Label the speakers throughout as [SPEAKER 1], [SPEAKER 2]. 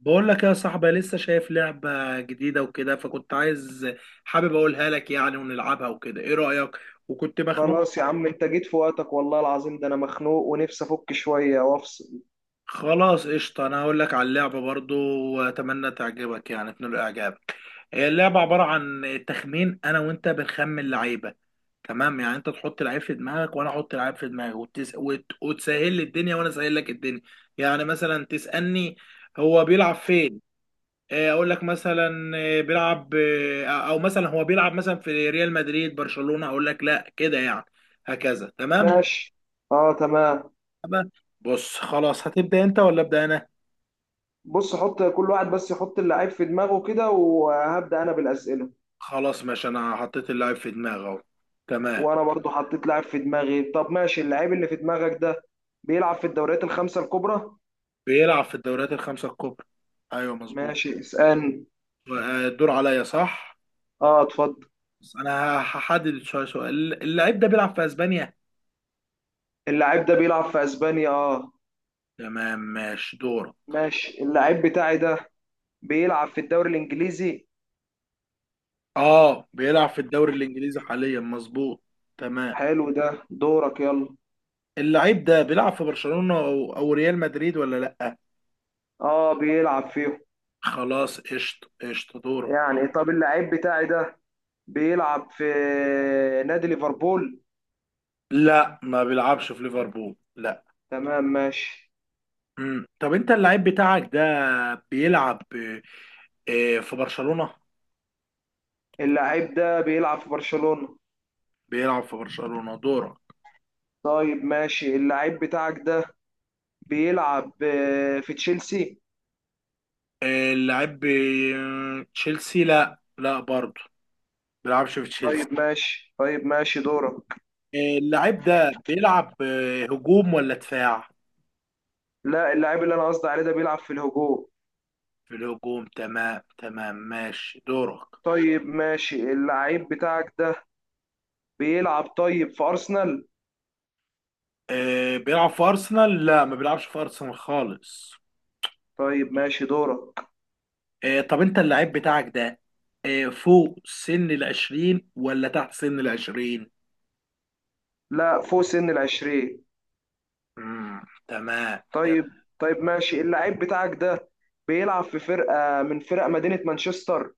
[SPEAKER 1] بقول لك يا صاحبي لسه شايف لعبة جديدة وكده، فكنت عايز حابب اقولها لك يعني ونلعبها وكده. ايه رأيك؟ وكنت مخنوق.
[SPEAKER 2] خلاص يا عم، انت جيت في وقتك والله العظيم. ده انا مخنوق ونفسي افك شويه وافصل.
[SPEAKER 1] خلاص قشطة، انا هقول لك على اللعبة برضو واتمنى تعجبك يعني تنال اعجابك. هي اللعبة عبارة عن تخمين، انا وانت بنخمن لعيبة. تمام، يعني انت تحط لعيب في دماغك وانا احط لعيب في دماغي، وتسهل لي الدنيا وانا اسهل لك الدنيا. يعني مثلا تسألني هو بيلعب فين. اقول لك مثلا بيلعب، او مثلا هو بيلعب مثلا في ريال مدريد برشلونة، اقول لك لا كده يعني. هكذا تمام.
[SPEAKER 2] ماشي. اه، تمام.
[SPEAKER 1] تمام. بص خلاص، هتبدأ انت ولا ابدأ انا؟
[SPEAKER 2] بص، حط كل واحد بس يحط اللعيب في دماغه كده وهبدأ انا بالاسئله.
[SPEAKER 1] خلاص ماشي، انا حطيت اللاعب في دماغي اهو. تمام.
[SPEAKER 2] وانا برضو حطيت لعيب في دماغي. طب ماشي، اللعيب اللي في دماغك ده بيلعب في الدوريات الخمسه الكبرى.
[SPEAKER 1] بيلعب في الدوريات الخمسة الكبرى. ايوه مظبوط.
[SPEAKER 2] ماشي اسألني.
[SPEAKER 1] الدور عليا صح.
[SPEAKER 2] اه اتفضل.
[SPEAKER 1] بس انا هحدد شوية سؤال، اللاعب ده بيلعب في اسبانيا.
[SPEAKER 2] اللعيب ده بيلعب في اسبانيا؟ اه.
[SPEAKER 1] تمام ماشي دور.
[SPEAKER 2] ماشي، اللعيب بتاعي ده بيلعب في الدوري الانجليزي.
[SPEAKER 1] اه بيلعب في الدوري الانجليزي حاليا مظبوط. تمام.
[SPEAKER 2] حلو، ده دورك يلا.
[SPEAKER 1] اللعيب ده بيلعب في برشلونة او ريال مدريد ولا لا؟
[SPEAKER 2] اه بيلعب فيه.
[SPEAKER 1] خلاص قشطه قشطه، دورك.
[SPEAKER 2] يعني طب اللعيب بتاعي ده بيلعب في نادي ليفربول.
[SPEAKER 1] لا ما بيلعبش في ليفربول، لا.
[SPEAKER 2] تمام ماشي.
[SPEAKER 1] مم. طب انت اللعيب بتاعك ده بيلعب في برشلونة؟
[SPEAKER 2] اللعيب ده بيلعب في برشلونة.
[SPEAKER 1] بيلعب في برشلونة، دورك.
[SPEAKER 2] طيب ماشي، اللعيب بتاعك ده بيلعب في تشيلسي؟
[SPEAKER 1] اللعيب تشيلسي؟ لا لا برضه، بيلعبش في تشيلسي.
[SPEAKER 2] طيب ماشي، طيب ماشي دورك.
[SPEAKER 1] اللعيب ده بيلعب هجوم ولا دفاع؟
[SPEAKER 2] لا، اللعيب اللي انا قصدي عليه ده بيلعب في الهجوم.
[SPEAKER 1] في الهجوم، تمام تمام ماشي دورك.
[SPEAKER 2] طيب ماشي، اللعيب بتاعك ده بيلعب طيب في أرسنال؟
[SPEAKER 1] بيلعب في أرسنال؟ لا ما بيلعبش في أرسنال خالص.
[SPEAKER 2] طيب ماشي دورك.
[SPEAKER 1] طب انت اللعيب بتاعك ده فوق سن العشرين ولا تحت سن العشرين؟
[SPEAKER 2] لا، فوق سن العشرين.
[SPEAKER 1] امم تمام طب.
[SPEAKER 2] طيب. طيب ماشي، اللعيب بتاعك ده بيلعب في فرقة من فرق مدينة مانشستر؟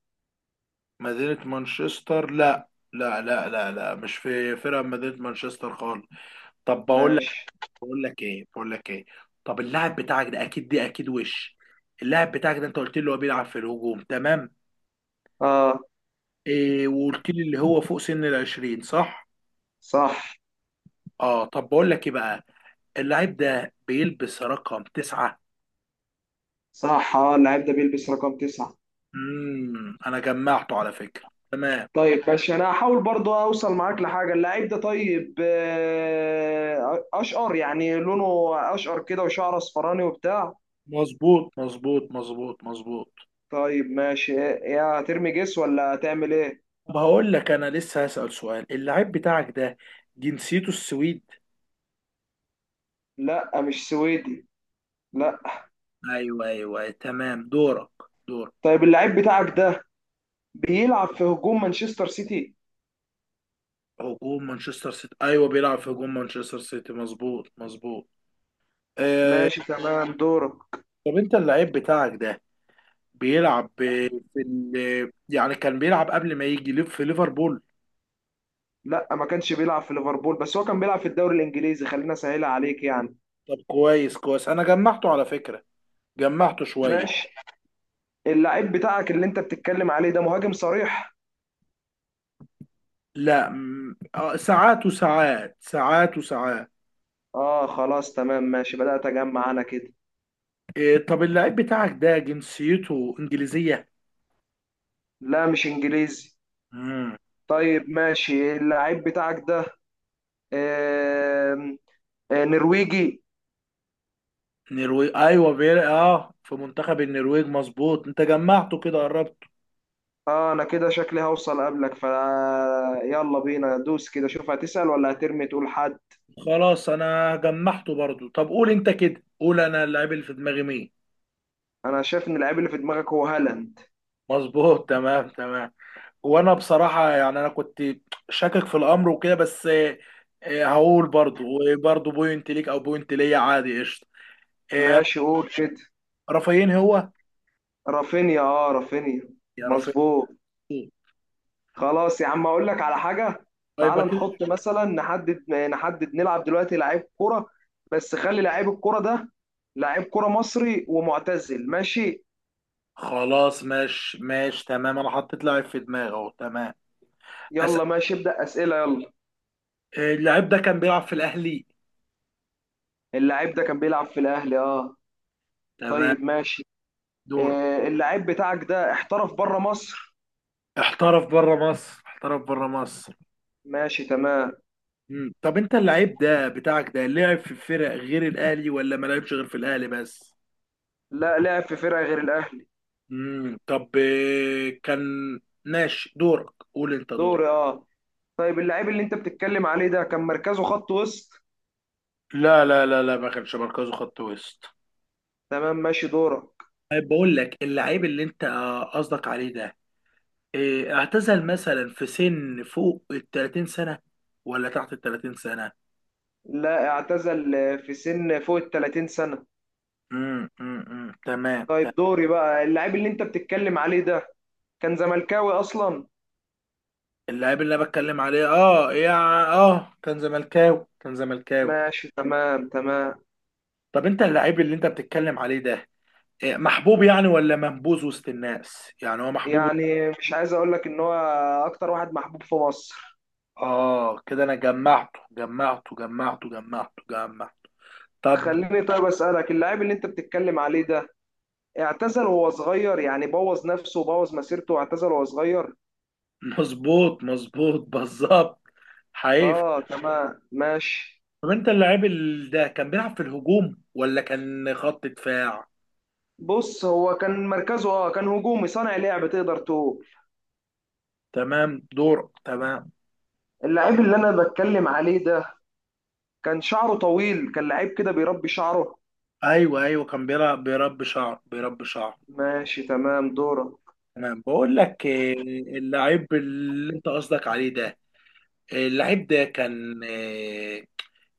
[SPEAKER 1] مدينة مانشستر، لا لا لا لا لا، مش في فرقة من مدينة مانشستر خالص. طب بقول لك،
[SPEAKER 2] ماشي.
[SPEAKER 1] بقول لك ايه، طب اللاعب بتاعك ده اكيد، دي اكيد وش، اللاعب بتاعك ده انت قلت لي هو بيلعب في الهجوم، تمام.
[SPEAKER 2] اه
[SPEAKER 1] وقلت لي اللي هو فوق سن العشرين صح؟
[SPEAKER 2] صح،
[SPEAKER 1] اه طب بقول لك ايه بقى، اللعيب ده بيلبس رقم تسعة.
[SPEAKER 2] صح، اه اللعيب ده بيلبس رقم تسعة.
[SPEAKER 1] انا جمعته على فكرة. تمام.
[SPEAKER 2] طيب ماشي، انا هحاول برضو اوصل معاك لحاجة. اللعيب ده طيب اشقر يعني لونه، اشقر كده وشعره اصفراني وبتاع.
[SPEAKER 1] مظبوط مظبوط مظبوط مظبوط.
[SPEAKER 2] طيب ماشي. يا ترمي جس ولا هتعمل ايه؟
[SPEAKER 1] طب هقول لك، انا لسه هسأل سؤال. اللاعب بتاعك ده جنسيته السويد؟
[SPEAKER 2] لا مش سويدي، لا.
[SPEAKER 1] ايوه ايوه تمام دورك. دور.
[SPEAKER 2] طيب اللعيب بتاعك ده بيلعب في هجوم مانشستر سيتي.
[SPEAKER 1] هجوم مانشستر سيتي، ايوه بيلعب في هجوم مانشستر سيتي، مظبوط مظبوط. آه.
[SPEAKER 2] ماشي تمام دوره.
[SPEAKER 1] طب انت اللاعب بتاعك ده بيلعب يعني كان بيلعب قبل ما يجي في ليفربول؟
[SPEAKER 2] لا ما كانش بيلعب في ليفربول، بس هو كان بيلعب في الدوري الانجليزي، خلينا اسهلها عليك يعني.
[SPEAKER 1] طب كويس كويس، انا جمعته على فكرة، جمعته شوية.
[SPEAKER 2] ماشي. اللعيب بتاعك اللي انت بتتكلم عليه ده مهاجم صريح؟
[SPEAKER 1] لا ساعات وساعات، ساعات وساعات.
[SPEAKER 2] اه خلاص تمام ماشي، بدأت اجمع انا كده.
[SPEAKER 1] طب اللعيب بتاعك ده جنسيته انجليزيه؟
[SPEAKER 2] لا مش انجليزي.
[SPEAKER 1] امم
[SPEAKER 2] طيب ماشي، اللعيب بتاعك ده آم، نرويجي.
[SPEAKER 1] نرويج، ايوه بير، اه في منتخب النرويج مظبوط، انت جمعته كده، قربته.
[SPEAKER 2] اه انا كده شكلي هوصل قبلك، ف يلا بينا دوس كده، شوف هتسأل ولا هترمي تقول حد.
[SPEAKER 1] خلاص انا جمعته برضو. طب قول انت كده قول، انا اللعيب اللي في دماغي مين؟
[SPEAKER 2] انا شايف ان اللعيب اللي في دماغك هو هالاند.
[SPEAKER 1] مظبوط تمام تمام. وانا بصراحه يعني انا كنت شاكك في الامر وكده، بس هقول برضو، وبرضو بوينت ليك او بوينت ليا عادي قشطه. آه،
[SPEAKER 2] ماشي قول كده.
[SPEAKER 1] رافايين هو.
[SPEAKER 2] رافينيا، اه، رافينيا.
[SPEAKER 1] يا رافايين.
[SPEAKER 2] مظبوط. خلاص يا عم اقول لك على حاجه.
[SPEAKER 1] يبقى
[SPEAKER 2] تعال
[SPEAKER 1] كده.
[SPEAKER 2] نحط مثلا، نحدد نلعب دلوقتي لعيب كرة، بس خلي لعيب الكرة ده لعيب كرة مصري ومعتزل، ماشي.
[SPEAKER 1] خلاص ماشي ماشي تمام، انا حطيت لاعب في دماغي اهو تمام. اسال.
[SPEAKER 2] يلا ماشي، ابدأ أسئلة يلا.
[SPEAKER 1] اللاعب ده كان بيلعب في الاهلي؟
[SPEAKER 2] اللعيب ده كان بيلعب في الأهلي، اه.
[SPEAKER 1] تمام
[SPEAKER 2] طيب ماشي.
[SPEAKER 1] دورك.
[SPEAKER 2] آه، اللعيب بتاعك ده احترف بره مصر.
[SPEAKER 1] احترف بره مصر. احترف بره مصر.
[SPEAKER 2] ماشي تمام.
[SPEAKER 1] مم. طب انت اللاعب ده بتاعك ده لعب في فرق غير الاهلي ولا ما لعبش غير في الاهلي بس؟
[SPEAKER 2] لا، لعب في فرقة غير الأهلي.
[SPEAKER 1] مم. طب آه، كان ماشي دورك قول انت دورك.
[SPEAKER 2] دوري اه. طيب اللعيب اللي انت بتتكلم عليه ده كان مركزه خط وسط؟
[SPEAKER 1] لا لا لا لا ما كانش مركزه خط وسط.
[SPEAKER 2] تمام ماشي دورك.
[SPEAKER 1] طيب بقول لك، اللعيب اللي انت قصدك عليه ده اعتزل مثلا في سن فوق ال 30 سنة ولا تحت ال 30 سنة؟
[SPEAKER 2] لا، اعتزل في سن فوق ال 30 سنة.
[SPEAKER 1] تمام
[SPEAKER 2] طيب
[SPEAKER 1] تمام.
[SPEAKER 2] دوري بقى. اللاعب اللي انت بتتكلم عليه ده كان زملكاوي اصلا.
[SPEAKER 1] اللاعب اللي انا بتكلم عليه اه يا اه كان زملكاوي كان زملكاوي.
[SPEAKER 2] ماشي تمام تمام.
[SPEAKER 1] طب انت اللاعب اللي انت بتتكلم عليه ده محبوب يعني ولا منبوذ وسط الناس؟ يعني هو محبوب.
[SPEAKER 2] يعني مش عايز اقول لك ان هو اكتر واحد محبوب في مصر.
[SPEAKER 1] اه كده انا جمعته جمعته جمعته جمعته جمعته. طب،
[SPEAKER 2] خليني طيب اسالك، اللاعب اللي انت بتتكلم عليه ده اعتزل وهو صغير، يعني بوظ نفسه وبوظ مسيرته واعتزل وهو صغير.
[SPEAKER 1] مظبوط مظبوط بالظبط حقيقي.
[SPEAKER 2] اه تمام ماشي.
[SPEAKER 1] طب انت اللاعب ده كان بيلعب في الهجوم ولا كان خط دفاع؟
[SPEAKER 2] بص هو كان مركزه، اه، كان هجومي، صانع لعب تقدر تقول.
[SPEAKER 1] تمام دور. تمام.
[SPEAKER 2] اللاعب اللي انا بتكلم عليه ده كان شعره طويل، كان لعيب كده بيربي شعره.
[SPEAKER 1] ايوه ايوه كان بيلعب بيربي شعر بيربي شعر.
[SPEAKER 2] ماشي تمام دورك.
[SPEAKER 1] تمام بقول لك، اللاعب اللي انت قصدك عليه ده اللاعب ده كان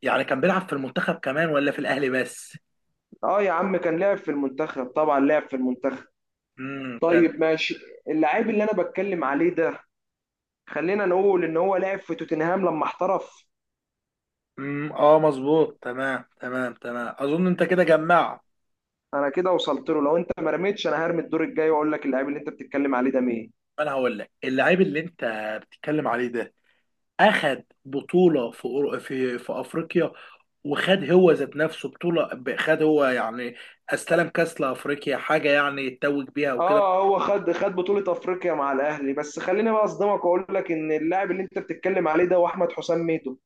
[SPEAKER 1] يعني كان بيلعب في المنتخب كمان ولا في الاهلي بس؟
[SPEAKER 2] اه يا عم كان لعب في المنتخب، طبعا لعب في المنتخب.
[SPEAKER 1] تمام.
[SPEAKER 2] طيب ماشي، اللاعب اللي انا بتكلم عليه ده خلينا نقول ان هو لعب في توتنهام لما احترف.
[SPEAKER 1] اه مظبوط تمام تمام تمام، اظن انت كده جمعت.
[SPEAKER 2] انا كده وصلت له، لو انت ما رميتش انا هرمي الدور الجاي واقول لك اللاعب اللي انت بتتكلم عليه ده مين.
[SPEAKER 1] انا هقول لك اللاعب اللي انت بتتكلم عليه ده اخد بطوله في في افريقيا، وخد هو ذات نفسه بطوله خد هو يعني استلم كاس لافريقيا حاجه يعني يتوج بيها وكده.
[SPEAKER 2] اه هو خد، خد بطولة افريقيا مع الاهلي، بس خليني بقى اصدمك واقول لك ان اللاعب اللي انت بتتكلم عليه ده هو احمد حسام ميدو.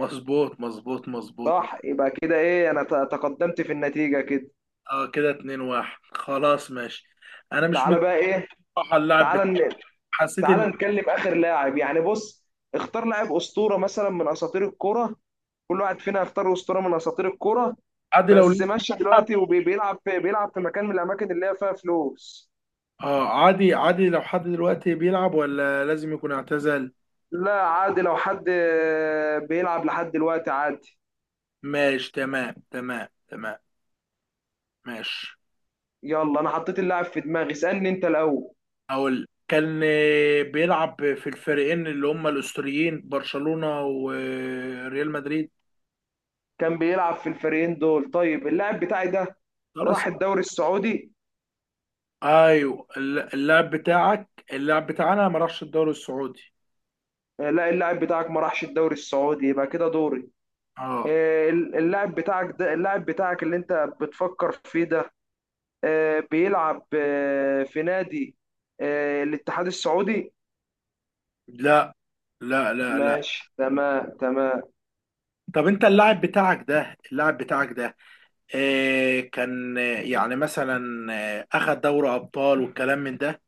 [SPEAKER 1] مظبوط مظبوط مظبوط مظبوط.
[SPEAKER 2] صح، يبقى كده ايه انا تقدمت في النتيجة كده.
[SPEAKER 1] اه كده 2-1. خلاص ماشي، انا مش مجمع
[SPEAKER 2] تعالى بقى ايه.
[SPEAKER 1] صراحه.
[SPEAKER 2] تعالى.
[SPEAKER 1] حسيت ان
[SPEAKER 2] تعال نتكلم اخر لاعب يعني، بص اختار لاعب اسطوره مثلا من اساطير الكوره، كل واحد فينا يختار اسطوره من اساطير الكوره،
[SPEAKER 1] عادي لو
[SPEAKER 2] بس
[SPEAKER 1] لسه
[SPEAKER 2] ماشي
[SPEAKER 1] بيلعب.
[SPEAKER 2] دلوقتي، وبيلعب في، بيلعب في مكان من الاماكن اللي هي فيها فلوس.
[SPEAKER 1] اه عادي عادي لو حد دلوقتي بيلعب ولا لازم يكون اعتزل؟
[SPEAKER 2] لا عادي لو حد بيلعب لحد دلوقتي عادي.
[SPEAKER 1] ماشي تمام تمام تمام ماشي.
[SPEAKER 2] يلا انا حطيت اللاعب في دماغي، اسالني انت الاول.
[SPEAKER 1] أقول كان بيلعب في الفريقين اللي هما الأسطوريين برشلونة وريال مدريد.
[SPEAKER 2] كان بيلعب في الفريقين دول؟ طيب اللاعب بتاعي ده
[SPEAKER 1] خلاص.
[SPEAKER 2] راح الدوري السعودي.
[SPEAKER 1] أيوه اللاعب بتاعك اللاعب بتاعنا ما راحش الدوري السعودي.
[SPEAKER 2] لا اللاعب بتاعك ما راحش الدوري السعودي، يبقى كده دوري.
[SPEAKER 1] اه.
[SPEAKER 2] اللاعب بتاعك ده، اللاعب بتاعك اللي انت بتفكر فيه ده، بيلعب في نادي الاتحاد السعودي؟
[SPEAKER 1] لا لا لا لا.
[SPEAKER 2] ماشي تمام تمام.
[SPEAKER 1] طب انت اللاعب بتاعك ده اللاعب بتاعك ده آه كان يعني مثلا آه اخد دوري ابطال والكلام من ده.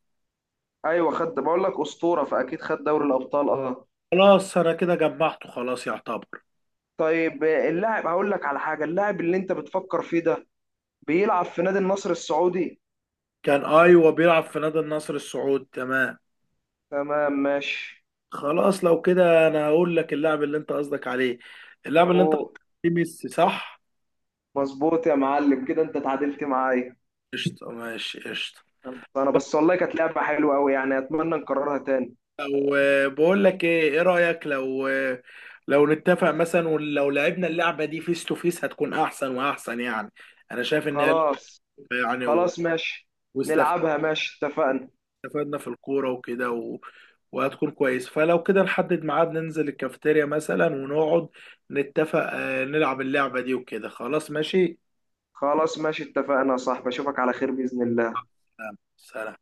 [SPEAKER 2] ايوه خد، بقول لك اسطوره فاكيد خد دوري الابطال، اه.
[SPEAKER 1] خلاص انا كده جمعته خلاص يعتبر.
[SPEAKER 2] طيب اللاعب، هقول لك على حاجه، اللاعب اللي انت بتفكر فيه ده بيلعب في نادي النصر السعودي.
[SPEAKER 1] كان ايوه بيلعب في نادي النصر السعودي تمام.
[SPEAKER 2] تمام ماشي.
[SPEAKER 1] خلاص لو كده انا هقول لك اللاعب اللي انت قصدك عليه، اللاعب اللي انت قصدك
[SPEAKER 2] هو
[SPEAKER 1] عليه ميسي صح؟
[SPEAKER 2] مظبوط يا معلم، كده انت اتعادلت معايا.
[SPEAKER 1] قشطة ماشي قشطة.
[SPEAKER 2] انا بس والله كانت لعبه حلوه قوي يعني، اتمنى نكررها تاني.
[SPEAKER 1] لو بقول لك ايه، ايه رأيك، لو لو نتفق مثلا ولو لعبنا اللعبة دي فيس تو فيس هتكون احسن واحسن يعني. انا شايف ان هي
[SPEAKER 2] خلاص.
[SPEAKER 1] يعني
[SPEAKER 2] خلاص ماشي،
[SPEAKER 1] واستف-
[SPEAKER 2] نلعبها ماشي، اتفقنا.
[SPEAKER 1] واستفدنا في الكورة وكده وهتكون كويس، فلو كده نحدد ميعاد ننزل الكافيتيريا مثلا ونقعد نتفق نلعب اللعبة دي وكده خلاص ماشي.
[SPEAKER 2] خلاص ماشي، اتفقنا يا صاحبي، اشوفك على خير بإذن الله.
[SPEAKER 1] سلام.